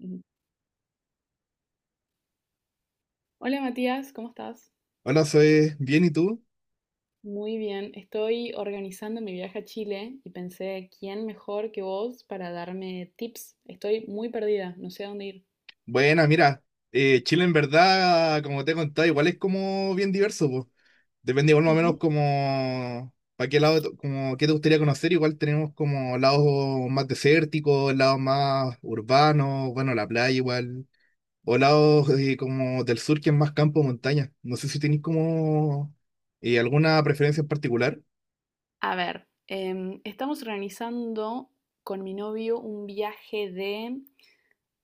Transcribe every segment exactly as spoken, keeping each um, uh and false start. Ujú. Hola Matías, ¿cómo estás? Hola, soy bien, ¿y tú? Muy bien, estoy organizando mi viaje a Chile y pensé, ¿quién mejor que vos para darme tips? Estoy muy perdida, no sé a dónde ir. Buena, mira, eh, Chile en verdad, como te he contado, igual es como bien diverso, pues. Depende igual más o menos Ujú. como para qué lado, te- como qué te gustaría conocer, igual tenemos como lados más desérticos, lados más urbanos, bueno, la playa igual, o lados eh, como del sur que es más campo, montaña. No sé si tenéis como eh, alguna preferencia en particular. A ver, em, estamos organizando con mi novio un viaje de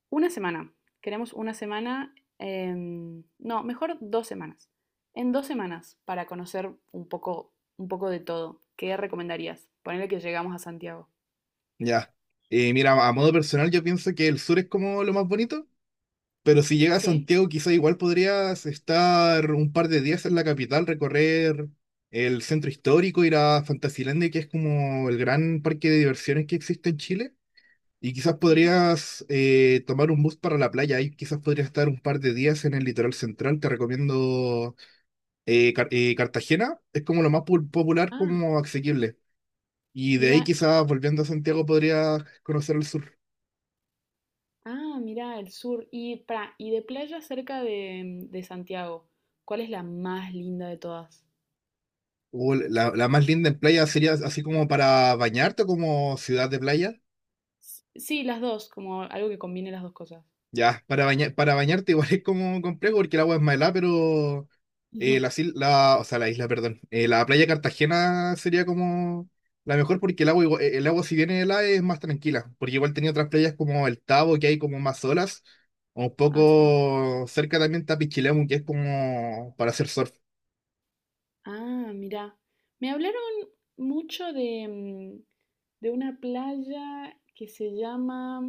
una semana. Queremos una semana, em, no, mejor dos semanas. En dos semanas, para conocer un poco, un poco de todo. ¿Qué recomendarías? Ponerle que llegamos a Santiago. Ya. Eh, mira, a modo personal yo pienso que el sur es como lo más bonito. Pero si llega a Sí, Santiago, quizá igual podrías estar un par de días en la capital, recorrer el centro histórico, ir a Fantasilandia, que es como el gran parque de diversiones que existe en Chile. Y quizás sí. podrías eh, tomar un bus para la playa. Ahí quizás podrías estar un par de días en el litoral central. Te recomiendo eh, Car- eh, Cartagena. Es como lo más pu- popular, Ah. como asequible. Y de ahí Mira, quizás volviendo a Santiago podrías conocer el sur. ah, mira, el sur. Y, para, y de playa cerca de, de Santiago, ¿cuál es la más linda de todas? Uh, la, la más linda en playa sería así como para bañarte, como ciudad de playa. S- Sí, las dos, como algo que combine las dos cosas. Ya, para bañar, para bañarte igual es como complejo porque el agua es más helada, pero eh, Ujú. las il- la, o sea, la isla, perdón. Eh, la playa de Cartagena sería como la mejor porque el agua, igua- eh, el agua si viene helada es más tranquila, porque igual tenía otras playas como el Tabo que hay como más olas, o un Ah, sí. poco cerca también está Pichilemu que es como para hacer surf. Ah, mira. Me hablaron mucho de, mm, de una playa que se llama,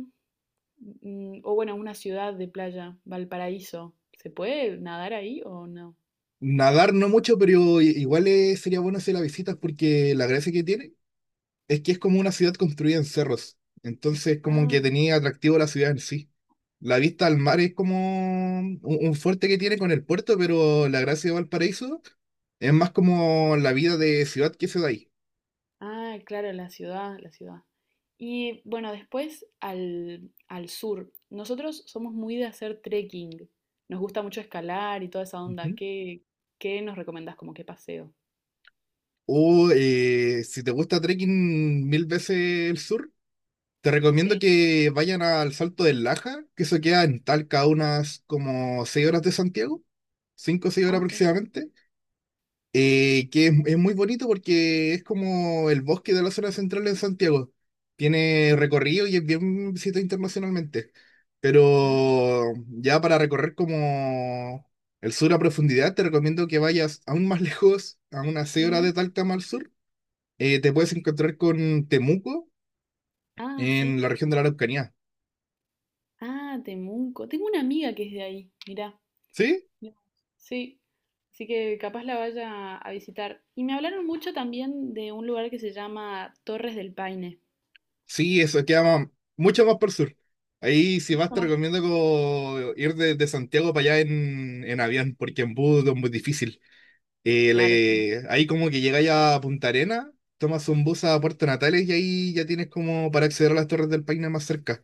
mm, o bueno, una ciudad de playa, Valparaíso. ¿Se puede nadar ahí o no? Nadar no mucho, pero i- igual eh, sería bueno hacer las visitas porque la gracia que tiene. Es que es como una ciudad construida en cerros, entonces como que Ah, tenía atractivo la ciudad en sí. La vista al mar es como un, un fuerte que tiene con el puerto, pero la gracia de Valparaíso es más como la vida de ciudad que se da ahí. Ah, claro, la ciudad, la ciudad. Y bueno, después al, al sur. Nosotros somos muy de hacer trekking. Nos gusta mucho escalar y toda esa onda. Ujú. ¿Qué, qué nos recomendás como qué paseo? O eh, si te gusta trekking mil veces el sur, te recomiendo Sí. que vayan al Salto del Laja, que eso queda en Talca a unas como seis horas de Santiago, cinco o seis horas Ah, sí. aproximadamente. Eh, que es, es muy bonito porque es como el bosque de la zona central en Santiago. Tiene recorrido y es bien visitado internacionalmente. Ah, Pero ya para recorrer como el sur a profundidad, te recomiendo que vayas aún más lejos, a unas seis horas ujú. de Talca más al sur. Eh, te puedes encontrar con Temuco Ah, sí. en la región de la Araucanía. Ah, Temuco. Tengo una amiga que es de ahí. Mirá. ¿Sí? Mira. Sí. Así que capaz la vaya a visitar. Y me hablaron mucho también de un lugar que se llama Torres del Paine. Sí, eso queda más- mucho más por el sur. Ahí si vas Mucho te más. recomiendo como ir de, de Santiago para allá en, en avión, porque en bus es muy difícil. Eh, Claro, sí. Le- ahí como que llegáis a Punta Arenas, tomas un bus a Puerto Natales y ahí ya tienes como para acceder a las Torres del Paine más cerca.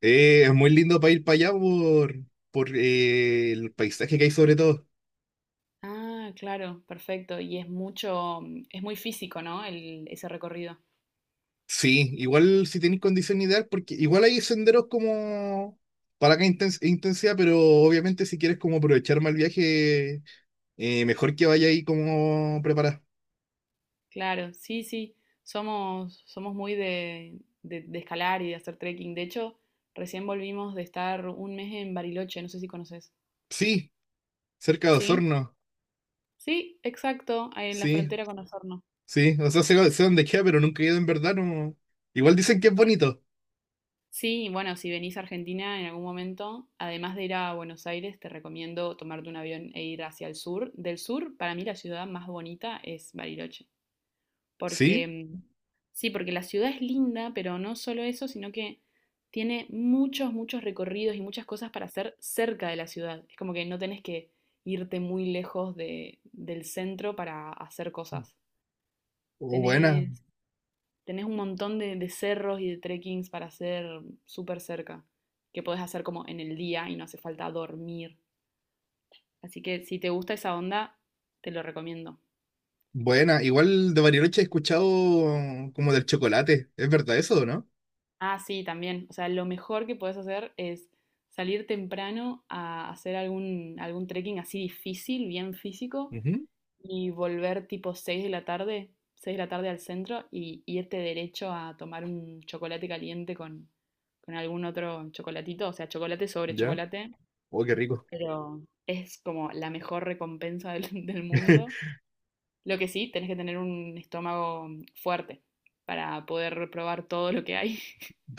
Eh, es muy lindo para ir para allá por, por eh, el paisaje que hay sobre todo. Ah, claro, perfecto. Y es mucho, mm, es muy físico, ¿no? El, ese recorrido. Sí, igual si tenéis condición ideal, porque igual hay senderos como para que intensidad, pero obviamente si quieres como aprovechar más el viaje, eh, mejor que vaya ahí como preparada. Claro, sí, sí. Somos, somos muy de, de- de escalar y de hacer trekking. De hecho, recién volvimos de estar un mes en Bariloche, no sé si conoces. Sí, cerca de ¿Sí? Osorno, Sí, exacto, ahí en la sí, frontera con Osorno. sí, o sea, sé, sé dónde queda, pero nunca he ido en verdad, no. Igual dicen que es Bueno, bonito, sí, bueno, si venís a Argentina en algún momento, además de ir a Buenos Aires, te recomiendo tomarte un avión e ir hacia el sur. Del sur, para mí la ciudad más bonita es Bariloche. Porque, sí, mm, sí, porque la ciudad es linda, pero no solo eso, sino que tiene muchos, muchos recorridos y muchas cosas para hacer cerca de la ciudad. Es como que no tenés que irte muy lejos de- del centro para hacer cosas. o buena, Tenés, tenés un montón de, de cerros y de trekkings para hacer súper cerca, que podés hacer como en el día y no hace falta dormir. Así que si te gusta esa onda, te lo recomiendo. buena, igual de Bariloche he escuchado como del chocolate, ¿es verdad eso o no? Ah, sí, también. O sea, lo mejor que puedes hacer es salir temprano a hacer algún, algún trekking así difícil, bien físico, Ujú, y volver tipo seis de la tarde, seis de la tarde al centro y irte derecho a tomar un chocolate caliente con, con algún otro chocolatito. O sea, chocolate sobre ya, chocolate, oh, qué rico, pero es como la mejor recompensa del, del mundo. Lo que sí, tenés que tener un estómago fuerte para poder probar todo lo que hay.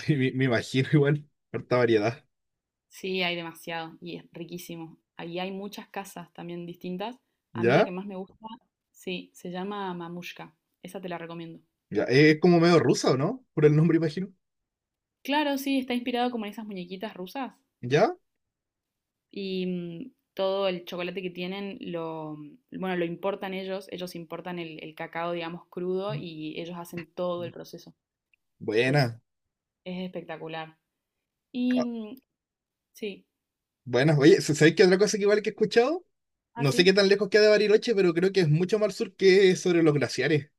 me, me imagino igual, harta variedad. Sí, hay demasiado y es riquísimo. Ahí hay muchas casas también distintas. A mí la que ¿Ya? más me gusta, sí, se llama Mamushka. Esa te la recomiendo. Ya. eh, Es como medio rusa, ¿o no? Por el nombre, imagino. Claro, sí, está inspirado como en esas muñequitas rusas ¿Ya? y mm, todo el chocolate que tienen lo, mm, bueno, lo importan ellos. Ellos importan el, el cacao, digamos, crudo y ellos hacen todo el proceso. Es, Buena. es espectacular. Y Ah, mm, sí, buena. Oye, ¿s- ¿sabéis qué otra cosa que igual que he escuchado? ah, No sé qué sí. tan lejos queda de Bariloche, pero creo que es mucho más al sur que sobre los glaciares.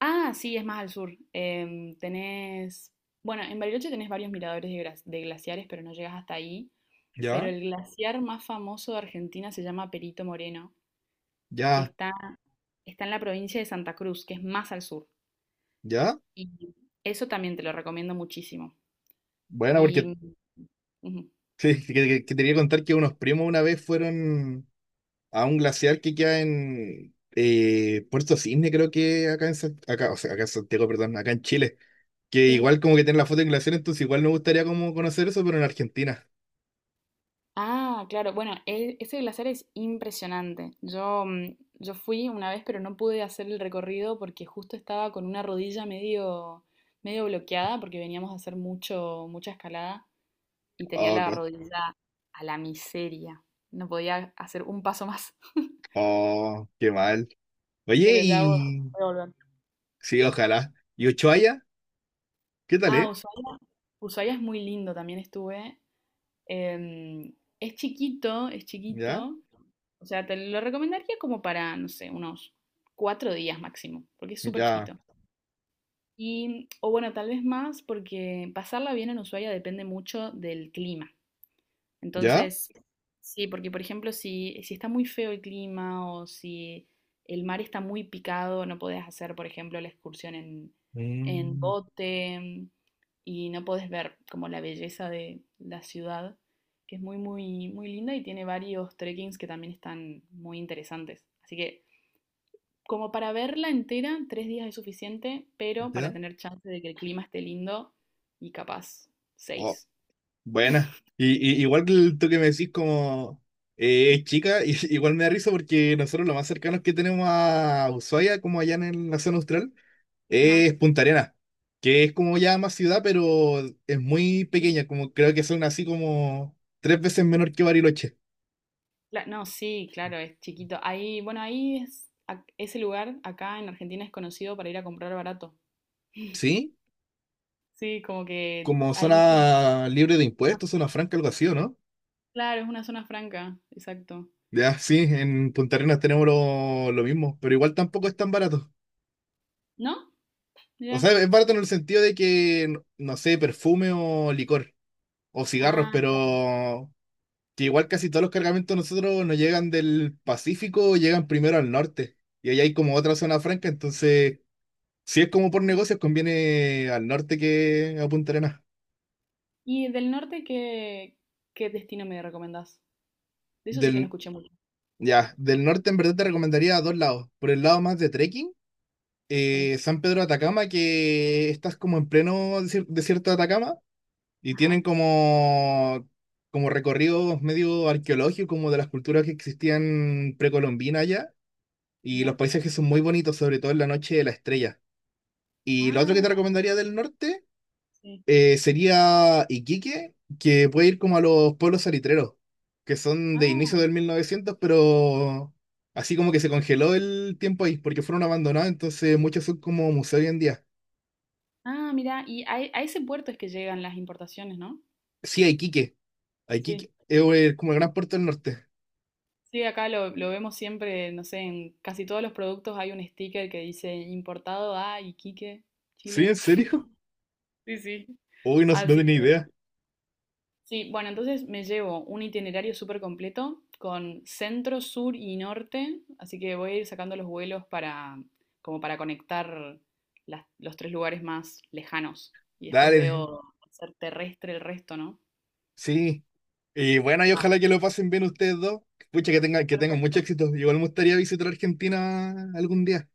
Ah, sí, es más al sur. Em, tenés, bueno, en Bariloche tenés varios miradores de, glas- de glaciares, pero no llegas hasta ahí. Pero ¿Ya? el glaciar más famoso de Argentina se llama Perito Moreno, que Ya, está, está en la provincia de Santa Cruz, que es más al sur. ya. Y eso también te lo recomiendo muchísimo. Bueno, Y porque ujú, sí, que, que- que te quería contar que unos primos una vez fueron a un glaciar que queda en eh, Puerto Cisne, creo que acá en, San- acá, o sea, acá en Santiago, perdón, acá en Chile. Que sí. igual como que tienen la foto en glaciar, entonces igual me gustaría como conocer eso, pero en Argentina. Ah, claro. Bueno, e- ese glaciar es impresionante. Yo, mm, yo fui una vez, pero no pude hacer el recorrido porque justo estaba con una rodilla medio, medio bloqueada porque veníamos a hacer mucho, mucha escalada y tenía Oh, la co- rodilla a la miseria. No podía hacer un paso más. oh, qué mal. Oye, Pero ya voy voy y a volver. sí, ojalá. ¿Y Ushuaia? ¿Qué tal, Ah, eh? Ushuaia. Ushuaia es muy lindo, también estuve. Em, es chiquito, es ¿Ya? chiquito. O sea, te lo recomendaría como para, no sé, unos cuatro días máximo, porque es súper ¿Ya? chiquito. Y, o bueno, tal vez más, porque pasarla bien en Ushuaia depende mucho del clima. ¿Ya? Entonces, sí, porque por ejemplo, si, si está muy feo el clima o si el mar está muy picado, no podés hacer, por ejemplo, la excursión en, en Mm, bote y no podés ver como la belleza de la ciudad, que es muy, muy, muy linda y tiene varios trekkings que también están muy interesantes. Así que como para verla entera, tres días es suficiente, pero para ¿ya? tener chance de que el clima esté lindo y capaz, Oh, seis. buena. Y, y- igual que el- tú que me decís como eh, es chica, y- igual me da risa porque nosotros lo más cercanos que tenemos a Ushuaia, como allá en el- la zona austral, Ajá. es Punta Arenas, que es como ya más ciudad, pero es muy pequeña, como creo que son así como tres veces menor que Bariloche. Cla- No, sí, claro, es chiquito. Ahí, bueno, ahí es, ac- ese lugar acá en Argentina es conocido para ir a comprar barato. ¿Sí? Sí, como que Como hay muchos. zona libre de Ah, impuestos, zona franca, algo así, ¿o no? claro, es una zona franca, exacto. Ya, sí, en Punta Arenas tenemos lo, lo mismo, pero igual tampoco es tan barato. ¿No? O Mira. sea, es barato en el sentido de que, no no sé, perfume o licor o cigarros, Ah, claro. pero que igual casi todos los cargamentos nosotros nos llegan del Pacífico, llegan primero al norte. Y ahí hay como otra zona franca, entonces, si es como por Ah. negocios, conviene al norte que a Punta Arenas. ¿Y del norte qué, qué destino me recomendás? De eso sí que no Del, escuché mucho. ya, del norte en verdad te recomendaría a dos lados. Por el lado más de trekking Sí. eh, San Pedro de Atacama, que estás como en pleno desier- desierto de Atacama y Ajá. tienen como, como recorridos medio arqueológicos, como de las culturas que existían precolombinas allá. Y los Mira. paisajes son muy bonitos, sobre todo en la noche de la estrella. Y lo otro que te Ah, recomendaría del norte sí. eh, sería Iquique, que puede ir como a los pueblos salitreros, que son de inicio Ah, del mil novecientos, pero así como que se congeló el tiempo ahí, porque fueron abandonados, entonces muchos son como museo hoy en día. ah, mira. Y a, e- a ese puerto es que llegan las importaciones, ¿no? Sí, a Iquique. A Iquique. Es eh, como el gran puerto del norte. Sí, acá lo, lo vemos siempre, no sé, en casi todos los productos hay un sticker que dice importado a Iquique, ¿Sí? Chile. ¿En serio? Sí, sí. Uy, no, no Así tenía que, idea. sí, bueno, entonces me llevo un itinerario súper completo con centro, sur y norte, así que voy a ir sacando los vuelos para, como para conectar las- los tres lugares más lejanos y después Dale, veo ser terrestre el resto, ¿no? sí. Y bueno, y Ah, ojalá que lo pasen bien ustedes dos. Pucha, que tengan, que tengan mucho perfecto. éxito. Igual me gustaría visitar Argentina algún día.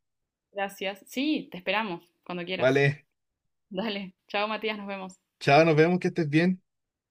Gracias. Sí, te esperamos cuando quieras. Vale, Dale. Chao, Matías, nos vemos. chao, nos vemos, que estés bien.